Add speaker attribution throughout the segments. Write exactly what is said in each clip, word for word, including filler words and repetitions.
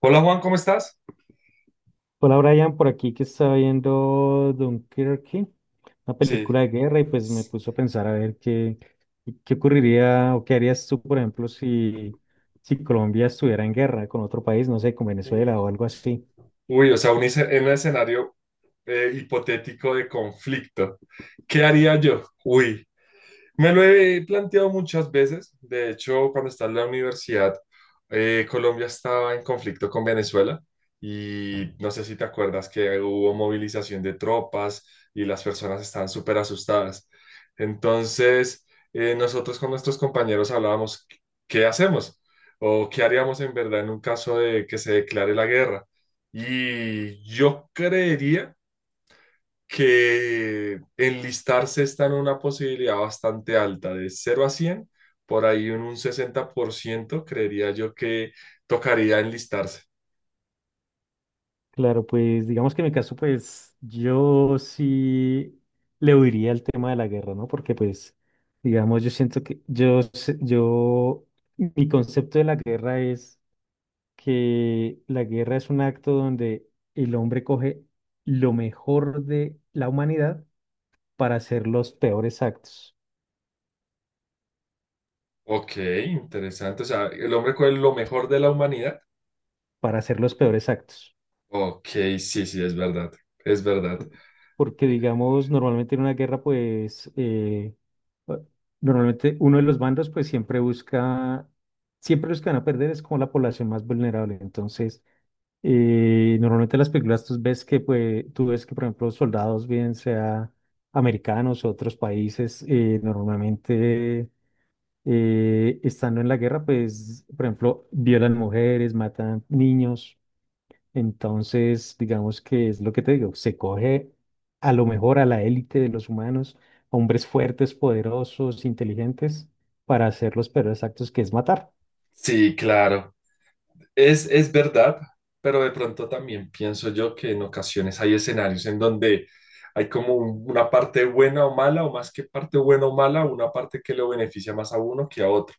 Speaker 1: Hola Juan, ¿cómo estás?
Speaker 2: Hola Brian, por aquí que estaba viendo Dunkerque, una
Speaker 1: Sí.
Speaker 2: película de guerra, y pues me puso a pensar a ver qué, qué ocurriría o qué harías tú, por ejemplo, si, si Colombia estuviera en guerra con otro país, no sé, con
Speaker 1: Uy,
Speaker 2: Venezuela o algo así.
Speaker 1: uy, o sea, un, esce- en un escenario eh, hipotético de conflicto. ¿Qué haría yo? Uy, me lo he planteado muchas veces. De hecho, cuando estaba en la universidad, eh, Colombia estaba en conflicto con Venezuela y no sé si te acuerdas que hubo movilización de tropas y las personas estaban súper asustadas. Entonces, eh, nosotros con nuestros compañeros hablábamos, ¿qué hacemos? ¿O qué haríamos en verdad en un caso de que se declare la guerra? Y yo creería que enlistarse está en una posibilidad bastante alta, de cero a cien, por ahí en un sesenta por ciento creería yo que tocaría enlistarse.
Speaker 2: Claro, pues digamos que en mi caso, pues yo sí le huiría al tema de la guerra, ¿no? Porque pues, digamos, yo siento que yo, se- yo, mi concepto de la guerra es que la guerra es un acto donde el hombre coge lo mejor de la humanidad para hacer los peores actos,
Speaker 1: Ok, interesante. O sea, el hombre con lo mejor de la humanidad.
Speaker 2: para hacer los peores actos.
Speaker 1: Ok, sí, sí, es verdad, es verdad.
Speaker 2: Por- Porque,
Speaker 1: Eh,
Speaker 2: digamos, normalmente en una guerra, pues, eh, eh, normalmente uno de los bandos, pues, siempre busca, siempre los que van a perder es como la población más vulnerable. Entonces, y normalmente en las películas tú ves que, pues, tú ves que, por ejemplo, soldados, bien sea americanos o otros países, eh, normalmente eh, estando en la guerra, pues, por ejemplo, violan mujeres, matan niños. Entonces, digamos que es lo que te digo, se coge a lo mejor a la élite de los humanos, hombres fuertes, poderosos, inteligentes, para hacer los peores actos que es matar.
Speaker 1: Sí, claro. Es, es verdad, pero de pronto también pienso yo que en ocasiones hay escenarios en donde hay como un- una parte buena o mala, o más que parte buena o mala, una parte que lo beneficia más a uno que a otro.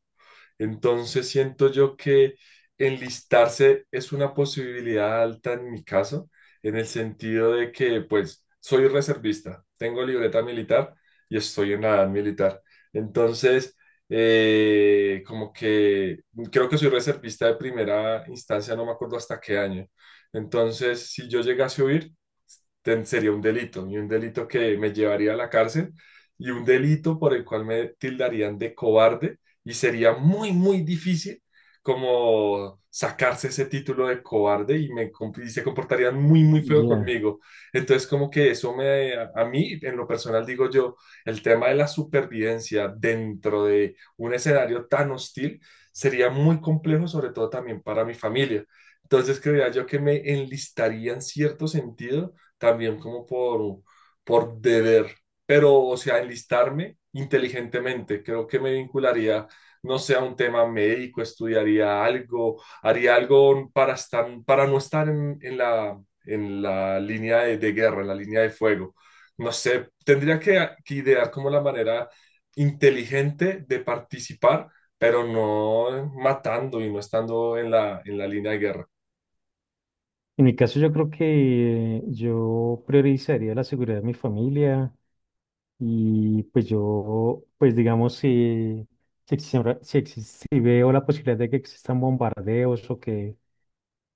Speaker 1: Entonces siento yo que enlistarse es una posibilidad alta en mi caso, en el sentido de que pues soy reservista, tengo libreta militar y estoy en la edad militar. Entonces, eh, como que creo que soy reservista de primera instancia, no me acuerdo hasta qué año. Entonces, si yo llegase a huir, ten- sería un delito, y un delito que me llevaría a la cárcel, y un delito por el cual me tildarían de cobarde y sería muy, muy difícil como sacarse ese título de cobarde y, me, comp- y se comportarían muy, muy feo
Speaker 2: Ya.
Speaker 1: conmigo. Entonces, como que eso me, a a mí, en lo personal, digo yo, el tema de la supervivencia dentro de un escenario tan hostil sería muy complejo, sobre todo también para mi familia. Entonces, creía yo que me enlistaría en cierto sentido, también como por, por deber, pero, o sea, enlistarme inteligentemente. Creo que me vincularía no sea un tema médico, estudiaría algo, haría algo para estar, para no estar en, en la, en la línea de, de guerra, en la línea de fuego. No sé, tendría que, que idear como la manera inteligente de participar, pero no matando y no estando en la, en la línea de guerra.
Speaker 2: En mi caso, yo creo que yo priorizaría la seguridad de mi familia y pues yo, pues digamos, si, si, existe- si, existe- si veo la posibilidad de que existan bombardeos o que,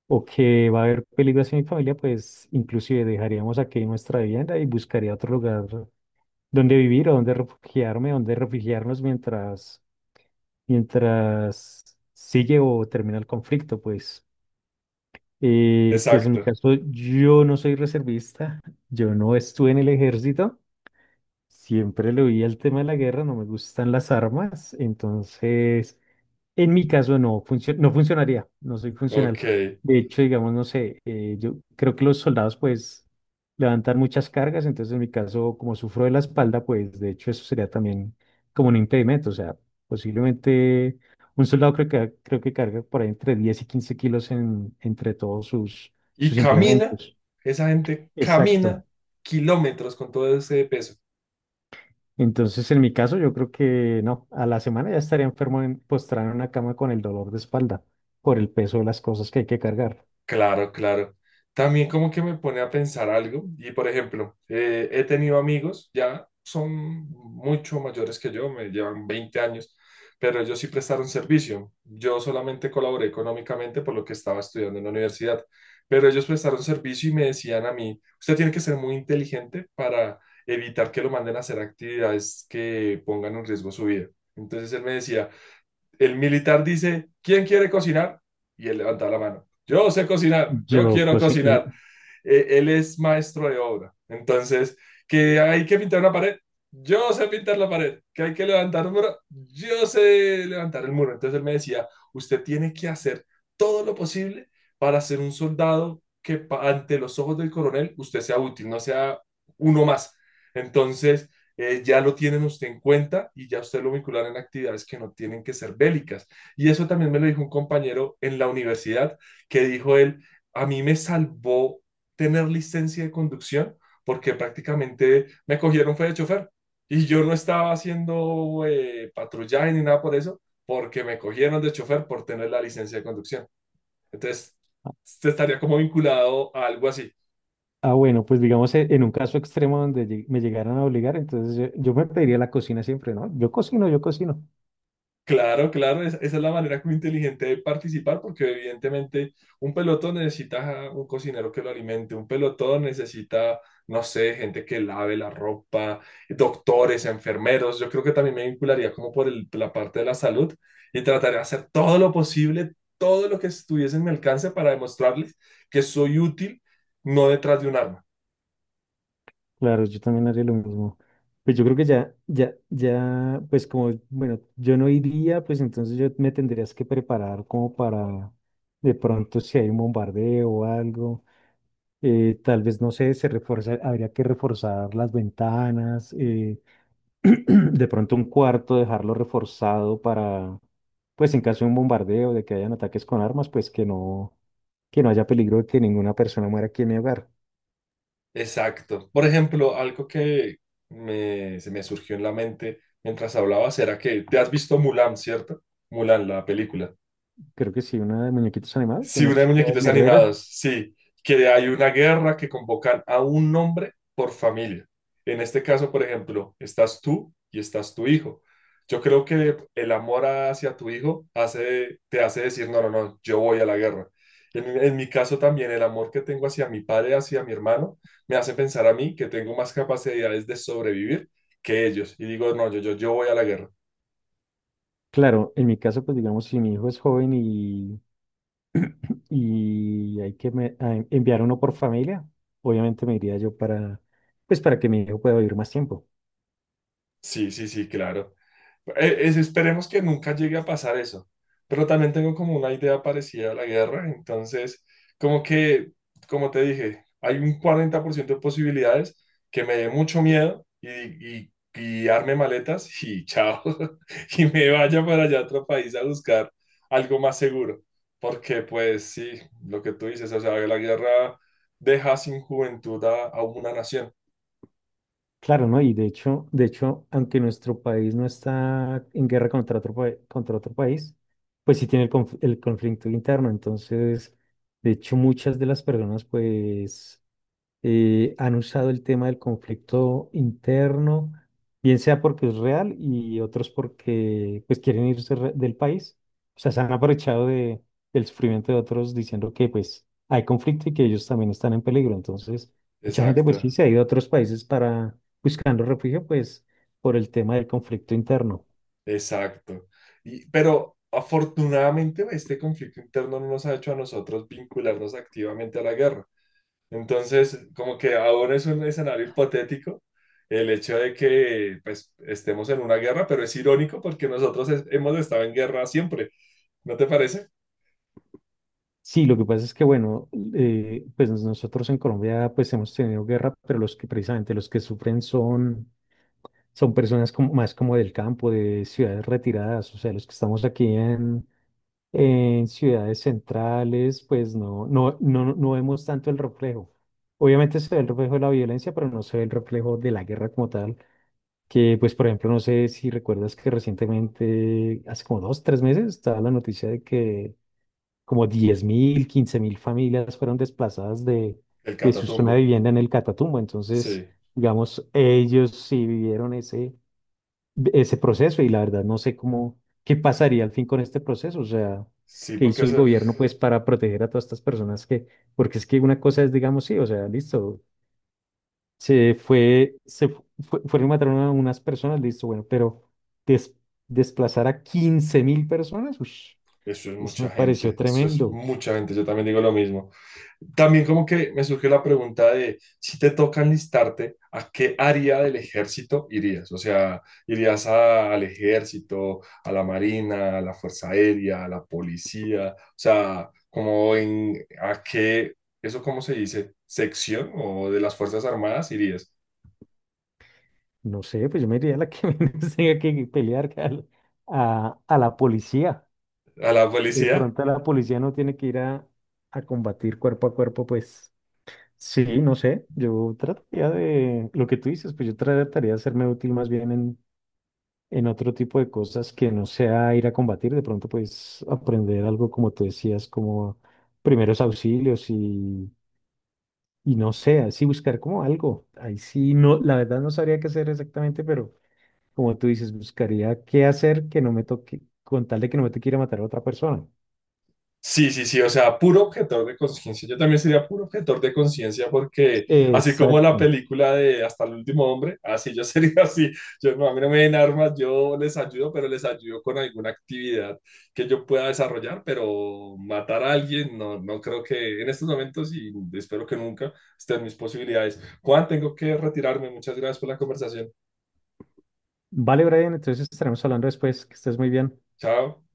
Speaker 2: o que va a haber peligros en mi familia, pues inclusive dejaríamos aquí nuestra vivienda y buscaría otro lugar donde vivir o donde refugiarme, donde refugiarnos mientras, mientras sigue o termina el conflicto, pues. Eh, pues en mi
Speaker 1: Exacto,
Speaker 2: caso, yo no soy reservista, yo no estuve en el ejército, siempre le oí el tema de la guerra, no me gustan las armas, entonces en mi caso no, funcio- no funcionaría, no soy funcional.
Speaker 1: ok.
Speaker 2: De hecho, digamos, no sé, eh, yo creo que los soldados pues levantan muchas cargas, entonces en mi caso, como sufro de la espalda, pues de hecho eso sería también como un impedimento, o sea, posiblemente un soldado creo que, creo que carga por ahí entre diez y quince kilos en, entre todos sus,
Speaker 1: Y
Speaker 2: sus
Speaker 1: camina,
Speaker 2: implementos.
Speaker 1: esa gente camina
Speaker 2: Exacto.
Speaker 1: kilómetros con todo ese peso.
Speaker 2: Entonces, en mi caso, yo creo que no, a la semana ya estaría enfermo en, postrado en una cama con el dolor de espalda por el peso de las cosas que hay que cargar.
Speaker 1: Claro, claro. También como que me pone a pensar algo y por ejemplo, eh, he tenido amigos, ya son mucho mayores que yo, me llevan veinte años, pero ellos sí prestaron servicio. Yo solamente colaboré económicamente por lo que estaba estudiando en la universidad, pero ellos prestaron servicio y me decían a mí, usted tiene que ser muy inteligente para evitar que lo manden a hacer actividades que pongan en riesgo su vida. Entonces él me decía, el militar dice, ¿quién quiere cocinar? Y él levanta la mano. Yo sé cocinar, yo
Speaker 2: Yo,
Speaker 1: quiero
Speaker 2: cocino.
Speaker 1: cocinar. Eh, él es maestro de obra. Entonces, que hay que pintar una pared, yo sé pintar la pared, que hay que levantar un muro, yo sé levantar el muro. Entonces él me decía, usted tiene que hacer todo lo posible para ser un soldado que pa- ante los ojos del coronel usted sea útil, no sea uno más. Entonces, eh, ya lo tienen usted en cuenta y ya usted lo vinculará en actividades que no tienen que ser bélicas. Y eso también me lo dijo un compañero en la universidad que dijo él, a mí me salvó tener licencia de conducción porque prácticamente me cogieron fue de chofer y yo no estaba haciendo eh, patrullaje ni nada por eso porque me cogieron de chofer por tener la licencia de conducción. Entonces, este estaría como vinculado a algo así.
Speaker 2: Ah, bueno, pues digamos eh, en un caso extremo donde lleg- me llegaran a obligar, entonces yo, yo me pediría la cocina siempre, ¿no? Yo cocino, yo cocino.
Speaker 1: Claro, claro, es- esa es la manera como inteligente de participar, porque evidentemente un pelotón necesita un cocinero que lo alimente, un pelotón necesita, no sé, gente que lave la ropa, doctores, enfermeros. Yo creo que también me vincularía como por el- la parte de la salud y trataría de hacer todo lo posible, todo lo que estuviese en mi alcance para demostrarles que soy útil, no detrás de un arma.
Speaker 2: Claro, yo también haría lo mismo. Pues yo creo que ya, ya, ya, pues como, bueno, yo no iría, pues entonces yo me tendrías que preparar como para, de pronto si hay un bombardeo o algo, eh, tal vez, no sé, se refuerza, habría que reforzar las ventanas, eh, de pronto un cuarto, dejarlo reforzado para, pues en caso de un bombardeo, de que hayan ataques con armas, pues que no, que no haya peligro de que ninguna persona muera aquí en mi hogar.
Speaker 1: Exacto. Por ejemplo, algo que me- se me surgió en la mente mientras hablabas era que te has visto Mulan, ¿cierto? Mulan, la película.
Speaker 2: Creo que sí, una de muñequitos animados, de
Speaker 1: Sí,
Speaker 2: una
Speaker 1: una de
Speaker 2: chica
Speaker 1: muñequitos
Speaker 2: guerrera.
Speaker 1: animados, sí, que hay una guerra que convocan a un nombre por familia. En este caso, por ejemplo, estás tú y estás tu hijo. Yo creo que el amor hacia tu hijo hace, te hace decir, no, no, no, yo voy a la guerra. En, en mi caso también, el amor que tengo hacia mi padre, hacia mi hermano, me hace pensar a mí que tengo más capacidades de sobrevivir que ellos. Y digo, no, yo, yo, yo voy a la guerra.
Speaker 2: Claro, en mi caso, pues digamos, si mi hijo es joven y, y hay que me- a- en- enviar uno por familia, obviamente me iría yo para, pues para que mi hijo pueda vivir más tiempo.
Speaker 1: Sí, sí, sí, claro. E- es- Esperemos que nunca llegue a pasar eso, pero también tengo como una idea parecida a la guerra, entonces como que, como te dije, hay un cuarenta por ciento de posibilidades que me dé mucho miedo y, y, y arme maletas y chao, y me vaya para allá a otro país a buscar algo más seguro, porque pues sí, lo que tú dices, o sea, la guerra deja sin juventud a a una nación.
Speaker 2: Claro, ¿no? Y de hecho, de hecho, aunque nuestro país no está en guerra contra otro, pa- contra otro país, pues sí tiene el, conf- el conflicto interno. Entonces, de hecho, muchas de las personas, pues eh, han usado el tema del conflicto interno, bien sea porque es real y otros porque pues quieren irse re- del país. O sea, se han aprovechado de, del sufrimiento de otros diciendo que pues hay conflicto y que ellos también están en peligro. Entonces, mucha gente
Speaker 1: Exacto.
Speaker 2: pues sí se ha ido a otros países para buscando refugio pues por el tema del conflicto interno.
Speaker 1: Exacto. Y, pero afortunadamente este conflicto interno no nos ha hecho a nosotros vincularnos activamente a la guerra. Entonces, como que ahora es un escenario hipotético el hecho de que pues, estemos en una guerra, pero es irónico porque nosotros es- hemos estado en guerra siempre. ¿No te parece?
Speaker 2: Sí, lo que pasa es que, bueno, eh, pues nosotros en Colombia pues hemos tenido guerra, pero los que precisamente los que sufren son son personas como, más como del campo, de ciudades retiradas, o sea, los que estamos aquí en, en ciudades centrales, pues no, no, no, no vemos tanto el reflejo. Obviamente se ve el reflejo de la violencia, pero no se ve el reflejo de la guerra como tal, que pues por ejemplo, no sé si recuerdas que recientemente, hace como dos, tres meses, estaba la noticia de que como diez mil quince mil familias fueron desplazadas de,
Speaker 1: El
Speaker 2: de su zona
Speaker 1: Catatumbo.
Speaker 2: de vivienda en el Catatumbo, entonces,
Speaker 1: Sí,
Speaker 2: digamos, ellos sí vivieron ese ese proceso y la verdad no sé cómo, qué pasaría al fin con este proceso, o sea,
Speaker 1: sí,
Speaker 2: qué
Speaker 1: porque
Speaker 2: hizo el
Speaker 1: eso,
Speaker 2: gobierno pues para proteger a todas estas personas que, porque es que una cosa es, digamos, sí, o sea, listo, se fue, se fu- fue- fueron y mataron a unas personas, listo, bueno, pero des- desplazar a quince mil personas, ush,
Speaker 1: eso es
Speaker 2: eso
Speaker 1: mucha
Speaker 2: me pareció
Speaker 1: gente, eso es
Speaker 2: tremendo.
Speaker 1: mucha gente. Yo también digo lo mismo. También como que me surge la pregunta de si te toca enlistarte, ¿a qué área del ejército irías? O sea, ¿irías a- al ejército, a la marina, a la fuerza aérea, a la policía? O sea, como en a qué, eso cómo se dice, ¿sección o de las fuerzas armadas irías?
Speaker 2: No sé, pues yo me iría a la que menos tenga que pelear que al- a, a la policía.
Speaker 1: ¿A la
Speaker 2: De
Speaker 1: policía?
Speaker 2: pronto la policía no tiene que ir a, a combatir cuerpo a cuerpo, pues. Sí, no sé, yo trataría de, lo que tú dices, pues yo trataría de hacerme útil más bien en, en otro tipo de cosas que no sea ir a combatir, de pronto pues aprender algo como tú decías, como primeros auxilios y, y no sé, así buscar como algo. Ahí sí, no, la verdad no sabría qué hacer exactamente, pero como tú dices, buscaría qué hacer que no me toque, con tal de que no me toque ir a matar a otra persona.
Speaker 1: Sí, sí, sí, o sea, puro objetor de conciencia. Yo también sería puro objetor de conciencia porque así como la
Speaker 2: Exacto.
Speaker 1: película de Hasta el último hombre, así yo sería así. Yo no, a mí no me den armas, yo les ayudo, pero les ayudo con alguna actividad que yo pueda desarrollar, pero matar a alguien no, no creo que en estos momentos y espero que nunca estén mis posibilidades. Juan, tengo que retirarme. Muchas gracias por la conversación.
Speaker 2: Vale, Brian, entonces estaremos hablando después, que estés muy bien.
Speaker 1: Chao.